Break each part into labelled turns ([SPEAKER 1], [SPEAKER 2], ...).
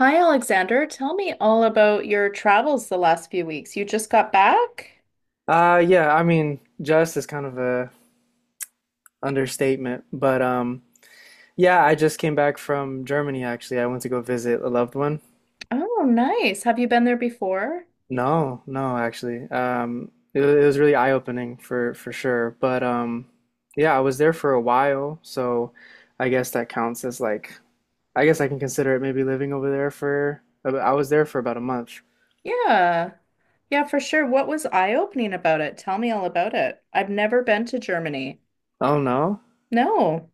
[SPEAKER 1] Hi, Alexander. Tell me all about your travels the last few weeks. You just got back?
[SPEAKER 2] Yeah, I mean, just is kind of a understatement, but yeah, I just came back from Germany actually. I went to go visit a loved one.
[SPEAKER 1] Oh, nice. Have you been there before?
[SPEAKER 2] No, no, actually. It was really eye-opening for sure. But yeah, I was there for a while, so I guess that counts as like I guess I can consider it maybe living over there for I was there for about a month.
[SPEAKER 1] Yeah. Yeah, for sure. What was eye-opening about it? Tell me all about it. I've never been to Germany.
[SPEAKER 2] Oh no.
[SPEAKER 1] No.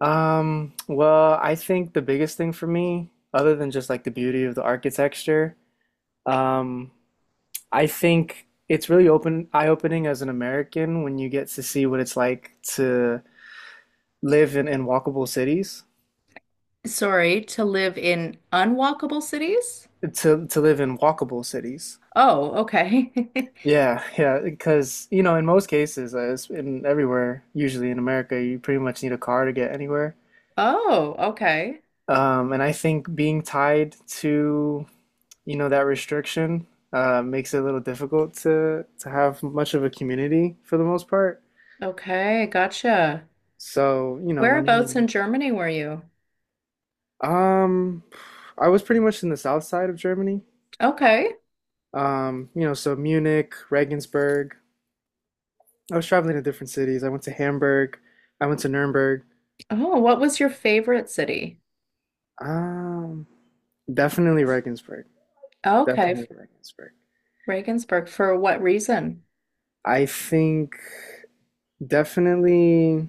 [SPEAKER 2] Well, I think the biggest thing for me, other than just like the beauty of the architecture, um, I think it's really open eye-opening as an American when you get to see what it's like to live in walkable cities,
[SPEAKER 1] Sorry, to live in unwalkable cities?
[SPEAKER 2] to live in walkable cities.
[SPEAKER 1] Oh, okay.
[SPEAKER 2] Yeah, yeah, because you know, in most cases, in everywhere, usually in America, you pretty much need a car to get anywhere.
[SPEAKER 1] Oh, okay.
[SPEAKER 2] And I think being tied to, you know, that restriction makes it a little difficult to have much of a community for the most part.
[SPEAKER 1] Okay, gotcha.
[SPEAKER 2] So, you know, when
[SPEAKER 1] Whereabouts
[SPEAKER 2] you're
[SPEAKER 1] in Germany were you?
[SPEAKER 2] Um, I was pretty much in the south side of Germany.
[SPEAKER 1] Okay.
[SPEAKER 2] You know, so Munich, Regensburg. I was traveling to different cities. I went to Hamburg. I went to Nuremberg.
[SPEAKER 1] Oh, what was your favorite city?
[SPEAKER 2] Um, Definitely Regensburg.
[SPEAKER 1] Okay,
[SPEAKER 2] Definitely Regensburg.
[SPEAKER 1] Regensburg for what reason?
[SPEAKER 2] I think definitely,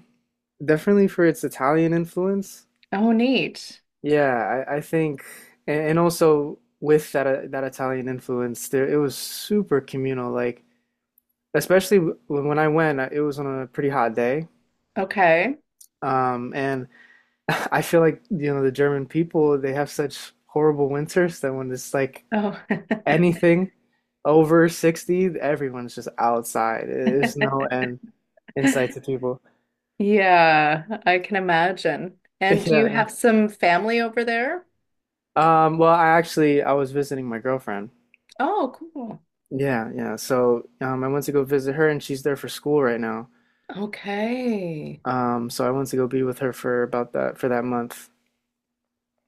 [SPEAKER 2] definitely for its Italian influence.
[SPEAKER 1] Oh, neat.
[SPEAKER 2] Yeah, I think, and also with that Italian influence, there it was super communal. Like, especially when I went, it was on a pretty hot day.
[SPEAKER 1] Okay.
[SPEAKER 2] And I feel like, you know, the German people, they have such horrible winters that when it's like
[SPEAKER 1] Oh,
[SPEAKER 2] anything over 60, everyone's just outside. There's no end in sight to people.
[SPEAKER 1] yeah, I can imagine. And do you
[SPEAKER 2] Yeah.
[SPEAKER 1] have some family over there?
[SPEAKER 2] Well, I actually I was visiting my girlfriend.
[SPEAKER 1] Oh, cool.
[SPEAKER 2] Yeah, yeah. So I went to go visit her, and she's there for school right now.
[SPEAKER 1] Okay.
[SPEAKER 2] So I went to go be with her for about that for that month.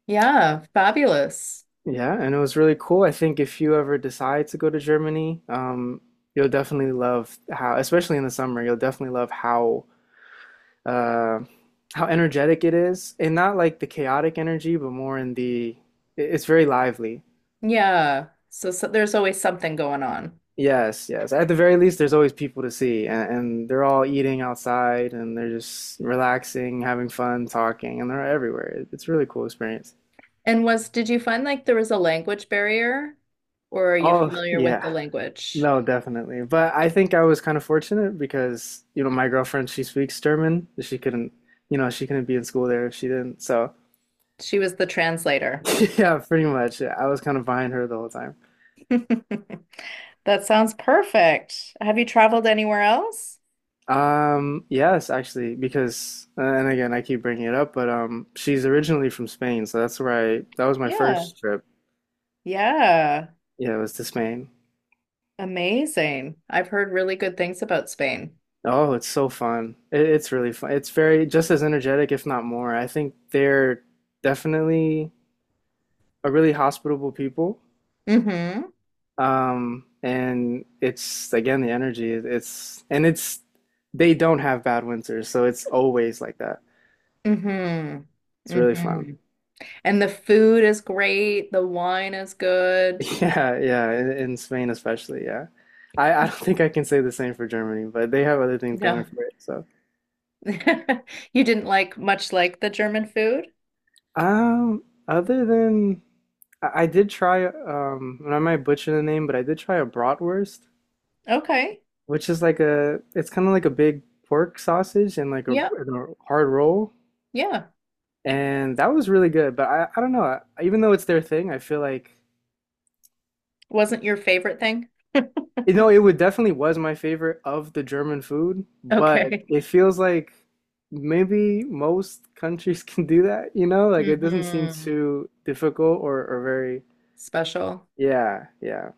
[SPEAKER 1] Yeah, fabulous.
[SPEAKER 2] Yeah, and it was really cool. I think if you ever decide to go to Germany, you'll definitely love how, especially in the summer, you'll definitely love uh, how energetic it is, and not like the chaotic energy, but more in the it's very lively.
[SPEAKER 1] Yeah. So there's always something going on.
[SPEAKER 2] Yes, yes. At the very least, there's always people to see, and they're all eating outside, and they're just relaxing, having fun, talking, and they're everywhere. It's a really cool experience.
[SPEAKER 1] And did you find like there was a language barrier, or are you
[SPEAKER 2] Oh,
[SPEAKER 1] familiar with the
[SPEAKER 2] yeah.
[SPEAKER 1] language?
[SPEAKER 2] No, definitely. But I think I was kind of fortunate because, you know, my girlfriend, she speaks German. She couldn't be in school there if she didn't. So,
[SPEAKER 1] She was the translator.
[SPEAKER 2] yeah, pretty much. I was kind of behind her the whole time.
[SPEAKER 1] That sounds perfect. Have you traveled anywhere else?
[SPEAKER 2] Yes, actually, because, and again, I keep bringing it up, but she's originally from Spain, so that's where that was my
[SPEAKER 1] Yeah.
[SPEAKER 2] first trip.
[SPEAKER 1] Yeah.
[SPEAKER 2] Yeah, it was to Spain.
[SPEAKER 1] Amazing. I've heard really good things about Spain.
[SPEAKER 2] Oh, it's so fun. It's really fun. It's very, just as energetic, if not more. I think they're definitely a really hospitable people.
[SPEAKER 1] Mm-hmm.
[SPEAKER 2] And it's again the energy. It's, and it's, they don't have bad winters, so it's always like that.
[SPEAKER 1] Mm-hmm.
[SPEAKER 2] It's really fun.
[SPEAKER 1] Mm-hmm. And the food is great. The wine is good.
[SPEAKER 2] Yeah, yeah, in Spain especially, yeah. I don't think I can say the same for Germany, but they have other things
[SPEAKER 1] No.
[SPEAKER 2] going for it, so.
[SPEAKER 1] You didn't like much like the German food?
[SPEAKER 2] Um, Other than I did try and I might butcher the name, but I did try a bratwurst,
[SPEAKER 1] Okay.
[SPEAKER 2] which is like a it's kind of like a big pork sausage and
[SPEAKER 1] Yeah.
[SPEAKER 2] and a hard roll.
[SPEAKER 1] Yeah.
[SPEAKER 2] And that was really good, but I don't know. Even though it's their thing, I feel like
[SPEAKER 1] Wasn't your favorite thing?
[SPEAKER 2] you know it would definitely was my favorite of the German food, but
[SPEAKER 1] Okay.
[SPEAKER 2] it feels like maybe most countries can do that, you know? Like it doesn't seem
[SPEAKER 1] Mm-hmm.
[SPEAKER 2] too difficult or very
[SPEAKER 1] Special.
[SPEAKER 2] yeah, yeah.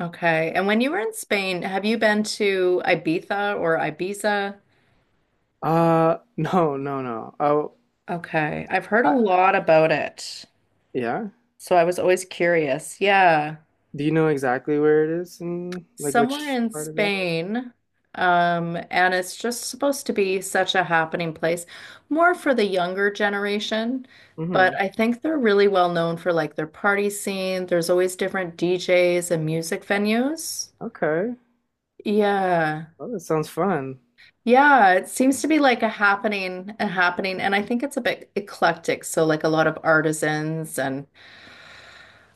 [SPEAKER 1] Okay. And when you were in Spain, have you been to Ibiza or Ibiza?
[SPEAKER 2] No, no, no. Oh,
[SPEAKER 1] Okay. I've heard a
[SPEAKER 2] I,
[SPEAKER 1] lot about it.
[SPEAKER 2] yeah.
[SPEAKER 1] So I was always curious. Yeah.
[SPEAKER 2] Do you know exactly where it is and like
[SPEAKER 1] Somewhere
[SPEAKER 2] which
[SPEAKER 1] in
[SPEAKER 2] part of it?
[SPEAKER 1] Spain. And it's just supposed to be such a happening place, more for the younger generation. But
[SPEAKER 2] Mm-hmm.
[SPEAKER 1] I think they're really well known for like their party scene. There's always different DJs and music venues.
[SPEAKER 2] Okay.
[SPEAKER 1] Yeah.
[SPEAKER 2] Well, that sounds fun.
[SPEAKER 1] Yeah, it seems to be like a happening, and I think it's a bit eclectic. So like a lot of artisans and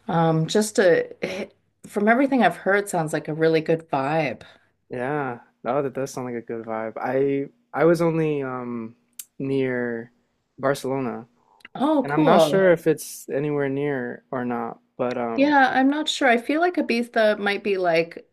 [SPEAKER 1] just from everything I've heard, sounds like a really good vibe.
[SPEAKER 2] Yeah. Oh, that does sound like a good vibe. I was only near Barcelona,
[SPEAKER 1] Oh,
[SPEAKER 2] and I'm not sure,
[SPEAKER 1] cool.
[SPEAKER 2] yeah, if it's anywhere near or not, but
[SPEAKER 1] Yeah, I'm not sure. I feel like Ibiza might be like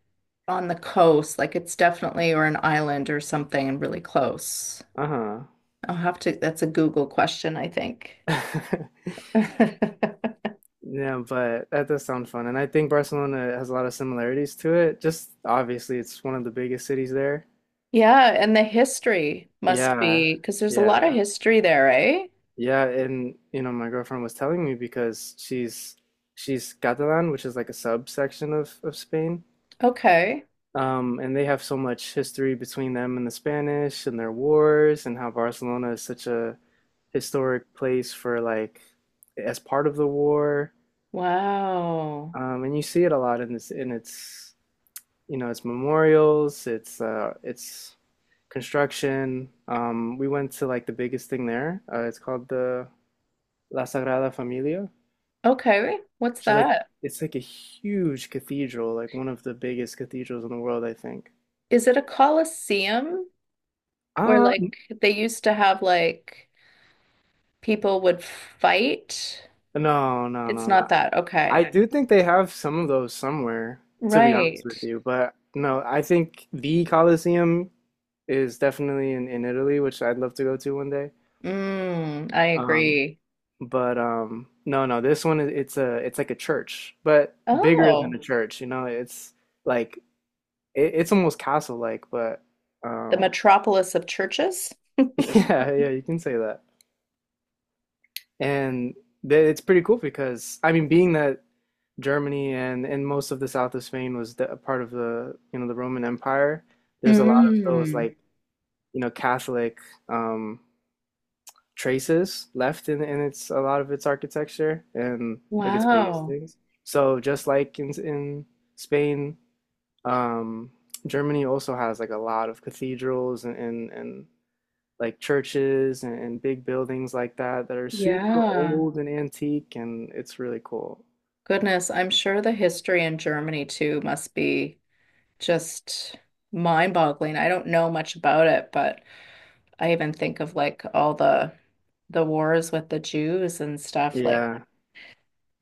[SPEAKER 1] on the coast, like it's definitely or an island or something really close.
[SPEAKER 2] uh-huh.
[SPEAKER 1] I'll have to, that's a Google question, I think.
[SPEAKER 2] Yeah, but that does sound fun. And I think Barcelona has a lot of similarities to it. Just obviously it's one of the biggest cities there.
[SPEAKER 1] Yeah, and the history must
[SPEAKER 2] Yeah.
[SPEAKER 1] be because there's a lot of
[SPEAKER 2] Yeah.
[SPEAKER 1] history there, right?
[SPEAKER 2] Yeah, and you know, my girlfriend was telling me because she's Catalan, which is like a subsection of Spain.
[SPEAKER 1] Okay.
[SPEAKER 2] And they have so much history between them and the Spanish and their wars, and how Barcelona is such a historic place for like as part of the war.
[SPEAKER 1] Wow.
[SPEAKER 2] And you see it a lot in this in its you know its memorials, its construction. We went to like the biggest thing there. It's called the La Sagrada Familia,
[SPEAKER 1] Okay. What's
[SPEAKER 2] which is
[SPEAKER 1] that?
[SPEAKER 2] like a huge cathedral, like one of the biggest cathedrals in the world, I think.
[SPEAKER 1] Is it a coliseum where
[SPEAKER 2] Ah
[SPEAKER 1] like they used to have like people would fight?
[SPEAKER 2] no, no,
[SPEAKER 1] It's
[SPEAKER 2] no,
[SPEAKER 1] not
[SPEAKER 2] no.
[SPEAKER 1] that.
[SPEAKER 2] I
[SPEAKER 1] Okay.
[SPEAKER 2] do think they have some of those somewhere, to be honest
[SPEAKER 1] Right.
[SPEAKER 2] with you. But no, I think the Colosseum is definitely in Italy, which I'd love to go to one day.
[SPEAKER 1] Mm, I
[SPEAKER 2] Um,
[SPEAKER 1] agree.
[SPEAKER 2] but no, no, this one is it's a it's like a church, but bigger than
[SPEAKER 1] Oh,
[SPEAKER 2] a church. You know, like it's almost castle-like, but
[SPEAKER 1] the
[SPEAKER 2] um,
[SPEAKER 1] metropolis of churches?
[SPEAKER 2] yeah, yeah, you can say that. And it's pretty cool because I mean, being that Germany and most of the south of Spain was a part of the you know the Roman Empire, there's a lot of those
[SPEAKER 1] Mm,
[SPEAKER 2] like you know Catholic um, traces left in its a lot of its architecture and like its biggest
[SPEAKER 1] wow.
[SPEAKER 2] things. So just like in Spain, um, Germany also has like a lot of cathedrals and like churches and big buildings like that that are super
[SPEAKER 1] Yeah.
[SPEAKER 2] old and antique, and it's really cool.
[SPEAKER 1] Goodness, I'm sure the history in Germany too must be just mind-boggling. I don't know much about it, but I even think of like all the wars with the Jews and stuff. Like,
[SPEAKER 2] Yeah,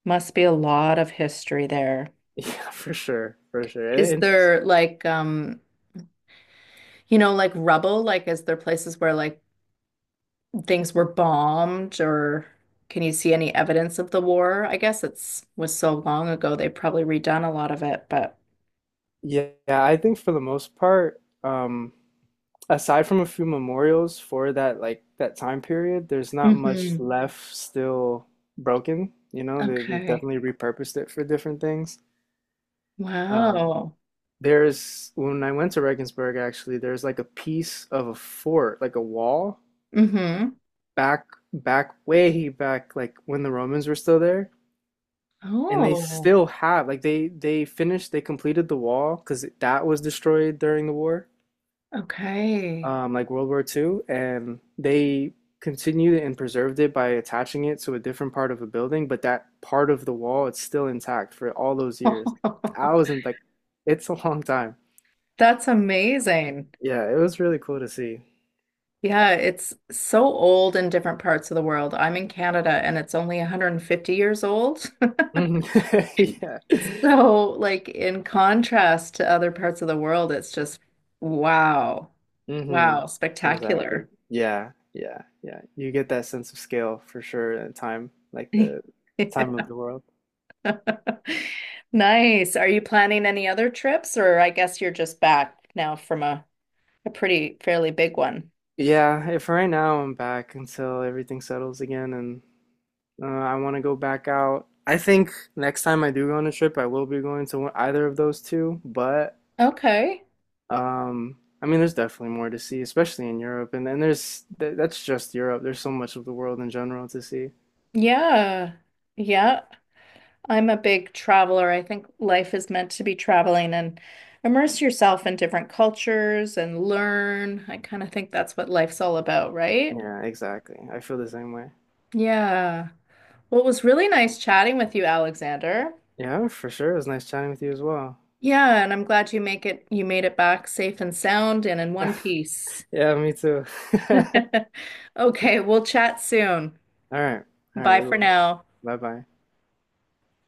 [SPEAKER 1] must be a lot of history there.
[SPEAKER 2] yeah, for sure, for sure. And,
[SPEAKER 1] Is
[SPEAKER 2] and
[SPEAKER 1] there like you know, like rubble? Like, is there places where like things were bombed or can you see any evidence of the war? I guess it's was so long ago they probably redone a lot of it, but
[SPEAKER 2] yeah, I think for the most part, aside from a few memorials for that like that time period, there's not much
[SPEAKER 1] hmm.
[SPEAKER 2] left still broken. You know, they've
[SPEAKER 1] Okay.
[SPEAKER 2] definitely repurposed it for different things. Um,
[SPEAKER 1] Wow.
[SPEAKER 2] there's when I went to Regensburg, actually, there's like a piece of a fort, like a wall
[SPEAKER 1] Mm-hmm.
[SPEAKER 2] back back way back like when the Romans were still there, and they
[SPEAKER 1] Oh,
[SPEAKER 2] still have like they completed the wall because that was destroyed during the war,
[SPEAKER 1] okay.
[SPEAKER 2] like World War II, and they continued and preserved it by attaching it to a different part of a building, but that part of the wall, it's still intact for all those years, thousands, like, it's a long time.
[SPEAKER 1] That's amazing.
[SPEAKER 2] Yeah, it was really cool to see.
[SPEAKER 1] Yeah, it's so old in different parts of the world. I'm in Canada and it's only 150 years old.
[SPEAKER 2] Yeah.
[SPEAKER 1] So, like in contrast to other parts of the world, it's just wow,
[SPEAKER 2] Hmm.
[SPEAKER 1] wow,
[SPEAKER 2] Exactly.
[SPEAKER 1] spectacular.
[SPEAKER 2] Yeah, yeah, yeah. You get that sense of scale for sure and time, like the time of the world.
[SPEAKER 1] Nice. Are you planning any other trips, or I guess you're just back now from a pretty fairly big one?
[SPEAKER 2] Yeah, if right now I'm back until everything settles again, and I want to go back out. I think next time I do go on a trip, I will be going to one, either of those two, but
[SPEAKER 1] Okay.
[SPEAKER 2] um I mean there's definitely more to see, especially in Europe, and then there's th that's just Europe. There's so much of the world in general to see.
[SPEAKER 1] Yeah. Yeah. I'm a big traveler. I think life is meant to be traveling and immerse yourself in different cultures and learn. I kind of think that's what life's all about, right?
[SPEAKER 2] Yeah, exactly. I feel the same way.
[SPEAKER 1] Yeah. Well, it was really nice chatting with you, Alexander.
[SPEAKER 2] Yeah, for sure. It was nice chatting with you as well.
[SPEAKER 1] Yeah, and I'm glad you make it you made it back safe and sound and in one piece.
[SPEAKER 2] Yeah, me too.
[SPEAKER 1] Okay, we'll chat soon.
[SPEAKER 2] All right. All right,
[SPEAKER 1] Bye
[SPEAKER 2] we
[SPEAKER 1] for
[SPEAKER 2] will.
[SPEAKER 1] now.
[SPEAKER 2] Bye bye.